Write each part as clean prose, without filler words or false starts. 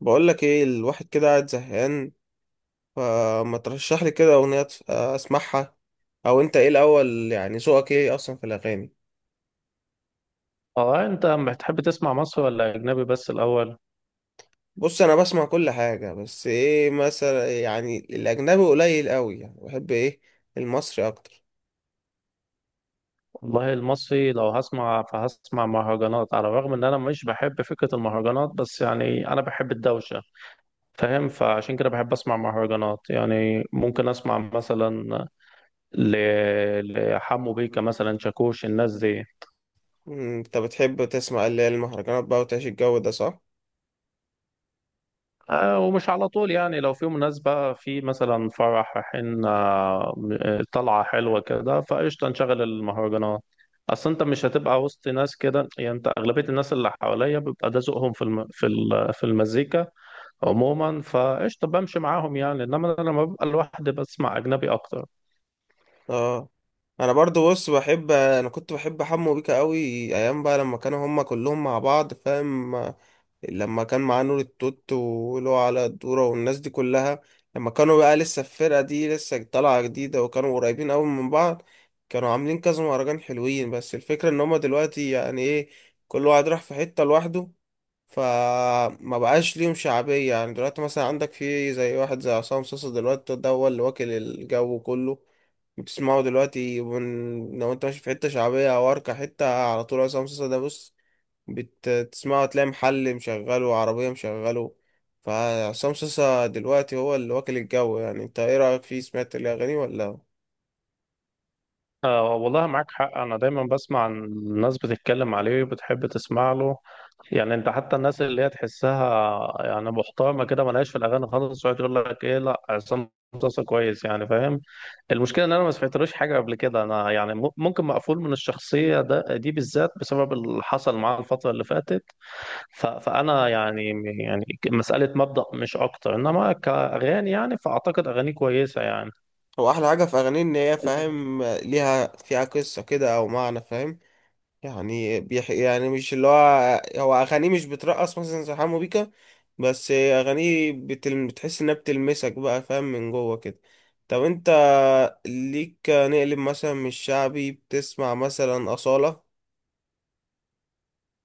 بقول لك ايه، الواحد كده قاعد زهقان، فما ترشح لي كده اغنيه اسمعها. او انت ايه الاول، يعني ذوقك ايه اصلا في الاغاني؟ اه، انت بتحب تسمع مصري ولا اجنبي بس الاول؟ بص، انا بسمع كل حاجه، بس ايه مثلا، يعني الاجنبي قليل قوي، يعني بحب ايه، المصري اكتر. والله المصري لو هسمع فهسمع مهرجانات، على الرغم ان انا مش بحب فكرة المهرجانات، بس يعني انا بحب الدوشة. فاهم؟ فعشان كده بحب اسمع مهرجانات، يعني ممكن اسمع مثلا ل... لحمو بيكا مثلا، شاكوش، الناس دي. انت بتحب تسمع اللي هي المهرجانات بقى وتعيش الجو ده، صح؟ آه، ومش على طول يعني، لو في مناسبة، في مثلا فرح رايحين آه، طلعة حلوة كده، فقشطة نشغل المهرجانات. أصل أنت مش هتبقى وسط ناس كده، يعني أنت أغلبية الناس اللي حواليا بيبقى ده ذوقهم في المزيكا عموما، فقشطة بمشي معاهم يعني. إنما أنا لما ببقى لوحدي بسمع أجنبي أكتر. اه. انا برضو بص بحب، انا كنت بحب حمو بيكا قوي ايام بقى، لما كانوا هما كلهم مع بعض، فاهم؟ لما كان معاه نور التوت ولو على الدورة والناس دي كلها، لما كانوا بقى لسه الفرقة دي لسه طالعة جديدة وكانوا قريبين أوي من بعض، كانوا عاملين كذا مهرجان حلوين. بس الفكرة إن هما دلوقتي يعني إيه، كل واحد راح في حتة لوحده، فما بقاش ليهم شعبية. يعني دلوقتي مثلا عندك في زي واحد زي عصام صاصا، دلوقتي ده هو اللي واكل الجو كله. بتسمعه دلوقتي، من لو انت ماشي في حتة شعبية أو أركة حتة، على طول عصام صاصا. ده بص، بتسمعه تلاقي محل مشغله وعربية مشغله. فعصام صاصا دلوقتي هو اللي واكل الجو. يعني انت ايه رأيك فيه، سمعت الأغاني ولا؟ آه، والله معاك حق، أنا دايما بسمع عن الناس بتتكلم عليه وبتحب تسمع له. يعني أنت حتى الناس اللي هي تحسها يعني محترمة كده، ملهاش في الأغاني خالص، يقعد يقول لك إيه، لا عصام صاصا كويس يعني. فاهم؟ المشكلة إن أنا ما سمعتلوش حاجة قبل كده. أنا يعني ممكن مقفول من الشخصية ده دي بالذات، بسبب اللي حصل معاه الفترة اللي فاتت. فأنا يعني، يعني مسألة مبدأ مش أكتر، إنما كأغاني يعني فأعتقد أغانيه كويسة يعني. هو أحلى حاجة في أغانيه إن هي، فاهم، ليها فيها قصة كده أو معنى، فاهم؟ يعني يعني مش اللي هو، هو أغانيه مش بترقص مثلا زي حمو بيكا، بس أغانيه بتحس إنها بتلمسك بقى، فاهم، من جوه كده. طب انت ليك نقلب مثلا من الشعبي، بتسمع مثلا أصالة؟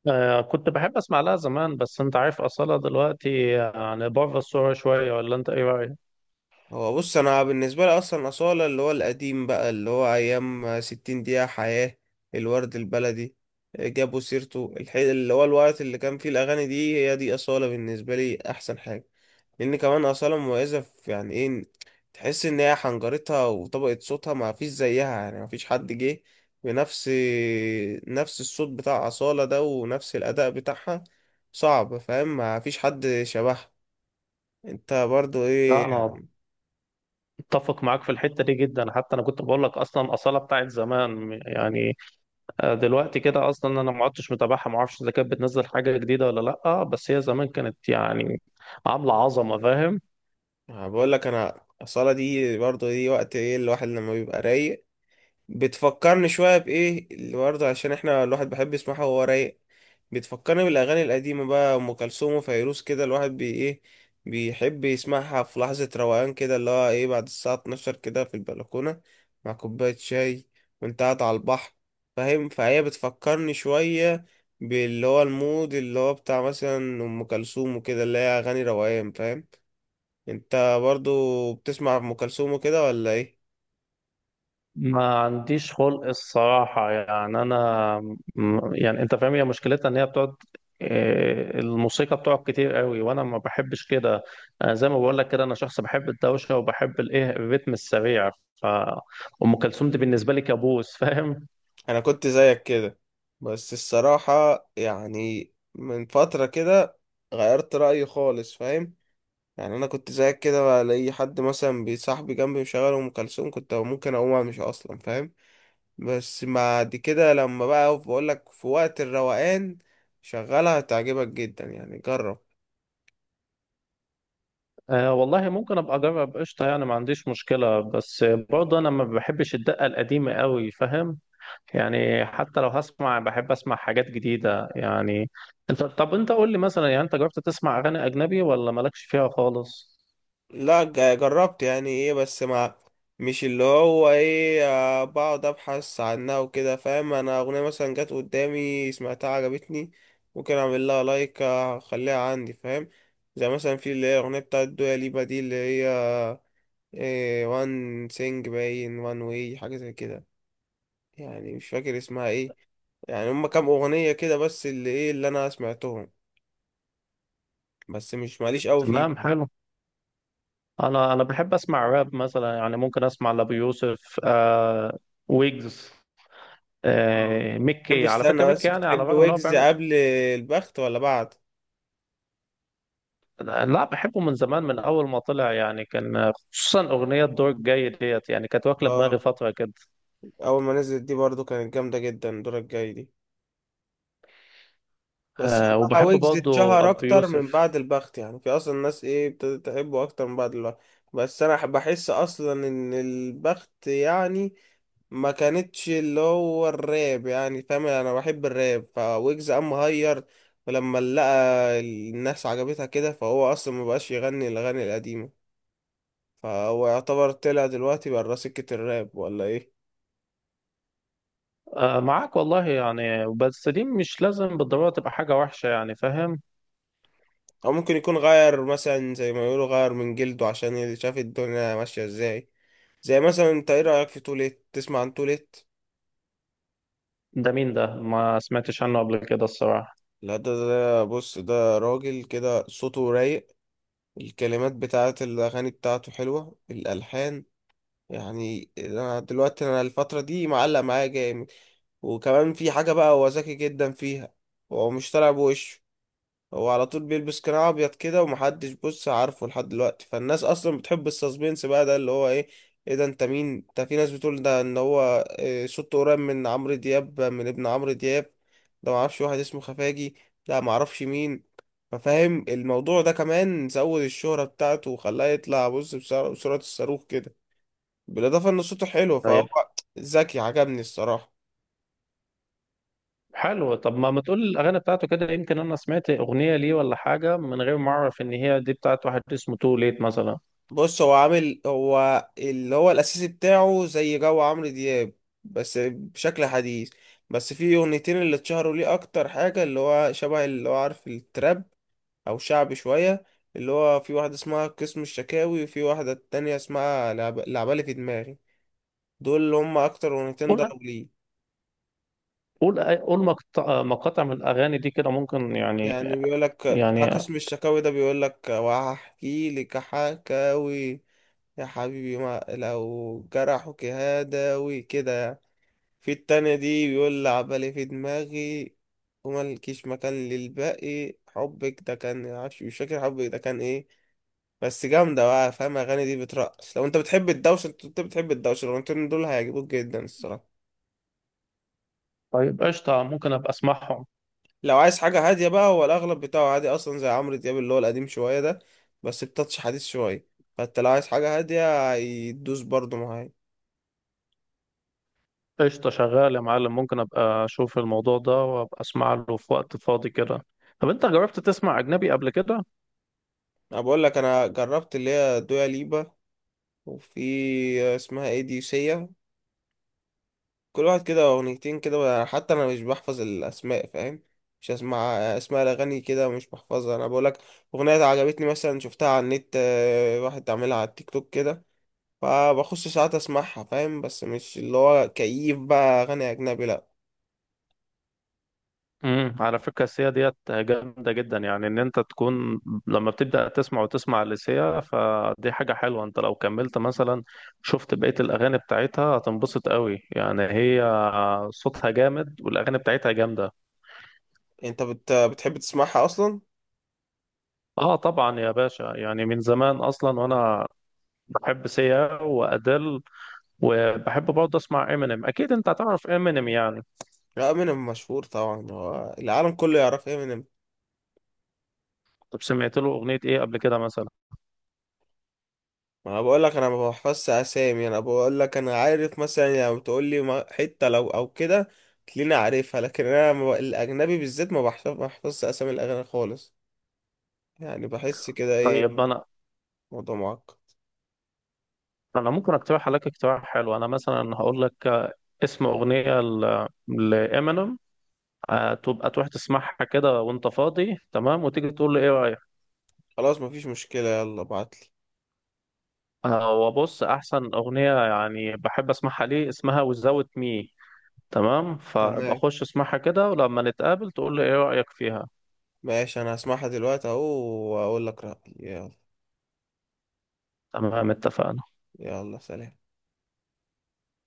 آه، كنت بحب اسمع لها زمان، بس انت عارف اصالة دلوقتي يعني بره الصورة شوية، ولا انت ايه رأيك؟ هو بص، انا بالنسبه لي اصلا اصاله اللي هو القديم بقى، اللي هو ايام 60 دقيقه حياه، الورد البلدي، جابوا سيرته اللي هو الوقت اللي كان فيه الاغاني دي، هي دي اصاله بالنسبه لي احسن حاجه. لان كمان اصاله مميزه في يعني ايه، تحس ان هي حنجرتها وطبقه صوتها ما فيش زيها، يعني ما فيش حد جه بنفس نفس الصوت بتاع اصاله ده ونفس الاداء بتاعها. صعب، فاهم، ما فيش حد شبهها. انت برضو لا، ايه؟ انا اتفق معاك في الحتة دي جدا، حتى انا كنت بقول لك اصلا اصالة بتاعت زمان يعني. آه، دلوقتي كده اصلا انا ما عدتش متابعها، ما اعرفش اذا كانت بتنزل حاجة جديدة ولا لا، بس هي زمان كانت يعني عاملة عظمة. فاهم؟ أنا بقول لك، انا الصلاة دي برضه دي وقت ايه، الواحد لما بيبقى رايق. بتفكرني شوية بايه اللي برضه، عشان احنا الواحد بيحب يسمعها وهو رايق، بتفكرني بالاغاني القديمة بقى، ام كلثوم وفيروز كده، الواحد بي ايه، بيحب يسمعها في لحظة روقان كده، اللي هو ايه، بعد الساعة 12 كده، في البلكونة مع كوباية شاي وانت قاعد على البحر، فاهم؟ فهي بتفكرني شوية باللي هو المود اللي هو بتاع مثلا ام كلثوم وكده، اللي هي اغاني روقان، فاهم؟ انت برضو بتسمع ام كلثوم وكده ولا ايه؟ ما عنديش خلق الصراحة يعني. أنا يعني أنت فاهم، هي مشكلتها إن هي بتقعد إيه، الموسيقى بتقعد كتير قوي، وأنا ما بحبش كده. أنا زي ما بقول لك كده، أنا شخص بحب الدوشة وبحب الإيه، الريتم السريع. ف أم كلثوم دي بالنسبة لي كابوس فاهم؟ انا كنت زيك كده، بس الصراحة يعني من فترة كده غيرت رأيي خالص، فاهم؟ يعني انا كنت زيك كده، الاقي حد مثلا بصاحبي جنبي مشغل ام كلثوم، كنت ممكن اقوم امشي اصلا، فاهم. بس بعد كده لما بقى، بقول لك في وقت الروقان شغلها هتعجبك جدا، يعني جرب. آه والله ممكن أبقى أجرب، قشطة، يعني ما عنديش مشكلة، بس برضه أنا ما بحبش الدقة القديمة قوي. فاهم؟ يعني حتى لو هسمع بحب اسمع حاجات جديدة يعني. انت طب انت قول لي مثلا، يعني انت جربت تسمع اغاني اجنبي ولا مالكش فيها خالص؟ لا، جربت يعني ايه، بس مع مش اللي هو ايه، بقعد ابحث عنها وكده، فاهم. انا اغنية مثلا جت قدامي سمعتها عجبتني، ممكن اعمل لها لايك، اخليها عندي، فاهم. زي مثلا في اللي هي اغنية بتاعت دويا ليبا دي، اللي هي إيه، وان سينج باين وان واي، حاجة زي كده، يعني مش فاكر اسمها ايه. يعني هما كام اغنية كده بس اللي ايه اللي انا سمعتهم، بس مش ماليش قوي تمام، فيهم. حلو. انا بحب اسمع راب مثلا، يعني ممكن اسمع لابو يوسف، آه، ويجز، اه. آه، بتحب، ميكي. على فكرة استنى ميكي بس، يعني على بتحب الرغم ان هو ويجز بيعمل، قبل البخت ولا بعد؟ لا بحبه من زمان، من اول ما طلع يعني، كان خصوصا اغنية دور الجاي ديت يعني كانت واكلة اه، دماغي فترة كده. اول ما نزلت دي برضو كانت جامده جدا، الدور الجاي دي. بس آه، هو وبحب ويجز برضه اتشهر ابو اكتر من يوسف. بعد البخت، يعني في اصلا ناس ايه ابتدت تحبه اكتر من بعد البخت. بس انا بحس اصلا ان البخت يعني ما كانتش اللي هو الراب، يعني فاهم انا بحب الراب، فويجز قام مهير، ولما لقى الناس عجبتها كده فهو اصلا ما بقاش يغني الاغاني القديمه. فهو يعتبر طلع دلوقتي برا سكة الراب، ولا ايه؟ آه، معاك والله يعني، بس دي مش لازم بالضرورة تبقى حاجة وحشة يعني. فاهم؟ او ممكن يكون غير، مثلا زي ما يقولوا غير من جلده، عشان شاف الدنيا ماشية ازاي. زي مثلا، انت ايه رأيك في توليت، تسمع عن توليت؟ ده مين ده؟ ما سمعتش عنه قبل كده الصراحة. لا، ده بص، ده راجل كده صوته رايق، الكلمات بتاعت الاغاني بتاعته حلوة، الالحان، يعني انا دلوقتي انا الفترة دي معلق معايا جامد. وكمان في حاجة بقى هو ذكي جدا فيها، هو مش طالع بوشه، هو على طول بيلبس قناع ابيض كده، ومحدش بص عارفه لحد دلوقتي. فالناس اصلا بتحب السسبنس بقى، ده اللي هو ايه، ايه ده، انت مين انت؟ في ناس بتقول ده ان هو إيه، صوته قريب من عمرو دياب، من ابن عمرو دياب. ده معرفش واحد اسمه خفاجي، ده معرفش مين. ففاهم الموضوع ده كمان زود الشهرة بتاعته وخلاه يطلع بص بسرعة بسرعة الصاروخ كده. بالاضافة ان صوته حلو، فهو طيب، ذكي، عجبني الصراحة. حلو. طب ما تقول الأغاني بتاعته كده، يمكن أنا سمعت أغنية ليه ولا حاجة من غير ما أعرف إن هي دي بتاعت واحد اسمه تو ليت مثلا. بص هو عامل، هو اللي هو الأساسي بتاعه زي جو عمرو دياب، بس بشكل حديث. بس في أغنيتين اللي اتشهروا ليه أكتر حاجة، اللي هو شبه اللي هو عارف التراب، أو شعبي شوية، اللي هو في واحدة اسمها قسم الشكاوي، وفي واحدة تانية اسمها لعبالي في دماغي. دول اللي هم أكتر أغنيتين قول، ضربوا ليه. قول مقاطع من الأغاني دي كده ممكن، يعني يعني بيقولك بتاع يعني. قسم الشكاوي ده بيقولك وهحكي لك حكاوي يا حبيبي، ما لو جرحك هداوي كده يعني. في التانية دي بيقول لعبالي في دماغي وملكيش مكان للباقي، حبك ده كان معرفش، مش فاكر حبك ده كان ايه. بس جامدة بقى، فاهم، الأغاني دي بترقص. لو انت بتحب الدوشة، انت أنت بتحب الدوشة، الأغنيتين دول هيعجبوك جدا الصراحة. طيب قشطة، ممكن أبقى أسمعهم. لو عايز حاجة هادية بقى، هو الأغلب بتاعه عادي أصلا زي عمرو دياب اللي هو القديم شوية ده، بس بتاتش حديث شوية، فانت لو عايز حاجة هادية هيدوس برضه معايا. قشطة، شغال يا معلم، ممكن أبقى أشوف الموضوع ده وأبقى أسمع له في وقت فاضي كده. طب أنت جربت تسمع أجنبي قبل كده؟ أنا بقول لك، أنا جربت اللي هي دويا ليبا، وفي اسمها ايه دي، سيا. كل واحد كده اغنيتين كده، حتى انا مش بحفظ الاسماء، فاهم، مش اسمع اسماء الاغاني كده ومش بحفظها، انا بقولك اغنيه عجبتني مثلا شفتها على النت، واحد عاملها على التيك توك كده، فبخش ساعات اسمعها، فاهم، بس مش اللي هو كيف بقى اغاني اجنبي، لا. على فكرة السيا ديت جامدة جدا، يعني ان انت تكون لما بتبدأ تسمع وتسمع لسيا فدي حاجة حلوة. انت لو كملت مثلا شفت بقية الاغاني بتاعتها هتنبسط قوي يعني. هي صوتها جامد والاغاني بتاعتها جامدة. انت بتحب تسمعها اصلا؟ اه طبعا يا باشا، يعني من زمان اصلا. وانا بحب سيا وادل، وبحب برضه اسمع امينيم. اكيد انت هتعرف امينيم يعني. لا، امينيم مشهور طبعا، هو العالم كله يعرف امينيم. طب سمعت له اغنية ايه قبل كده مثلا؟ ما انا بقول لك انا ما بحفظش اسامي، انا بقول لك انا عارف مثلا، يعني بتقول لي حته لو او كده تلاقيني عارفها، لكن انا ما بق- الاجنبي بالذات ما بحفظ، ما بحفظش اسامي الاغاني خالص، يعني بحس كده طيب، ايه، انا الموضوع معقد. انا ممكن اقترح عليك اقتراح حلو. انا مثلا هقول لك اسم أغنية لإمينيم، آه، تبقى تروح تسمعها كده وأنت فاضي، تمام، وتيجي تقول لي إيه رأيك. خلاص، مفيش مشكله، يلا ابعتلي. آه، وبص أحسن أغنية يعني بحب أسمعها ليه اسمها وزاوت مي. تمام، فابقى تمام، خش اسمعها كده ولما نتقابل تقول لي إيه رأيك فيها. ماشي، انا هسمعها دلوقتي اهو واقول لك رايي، يلا. تمام اتفقنا. يلا سلام.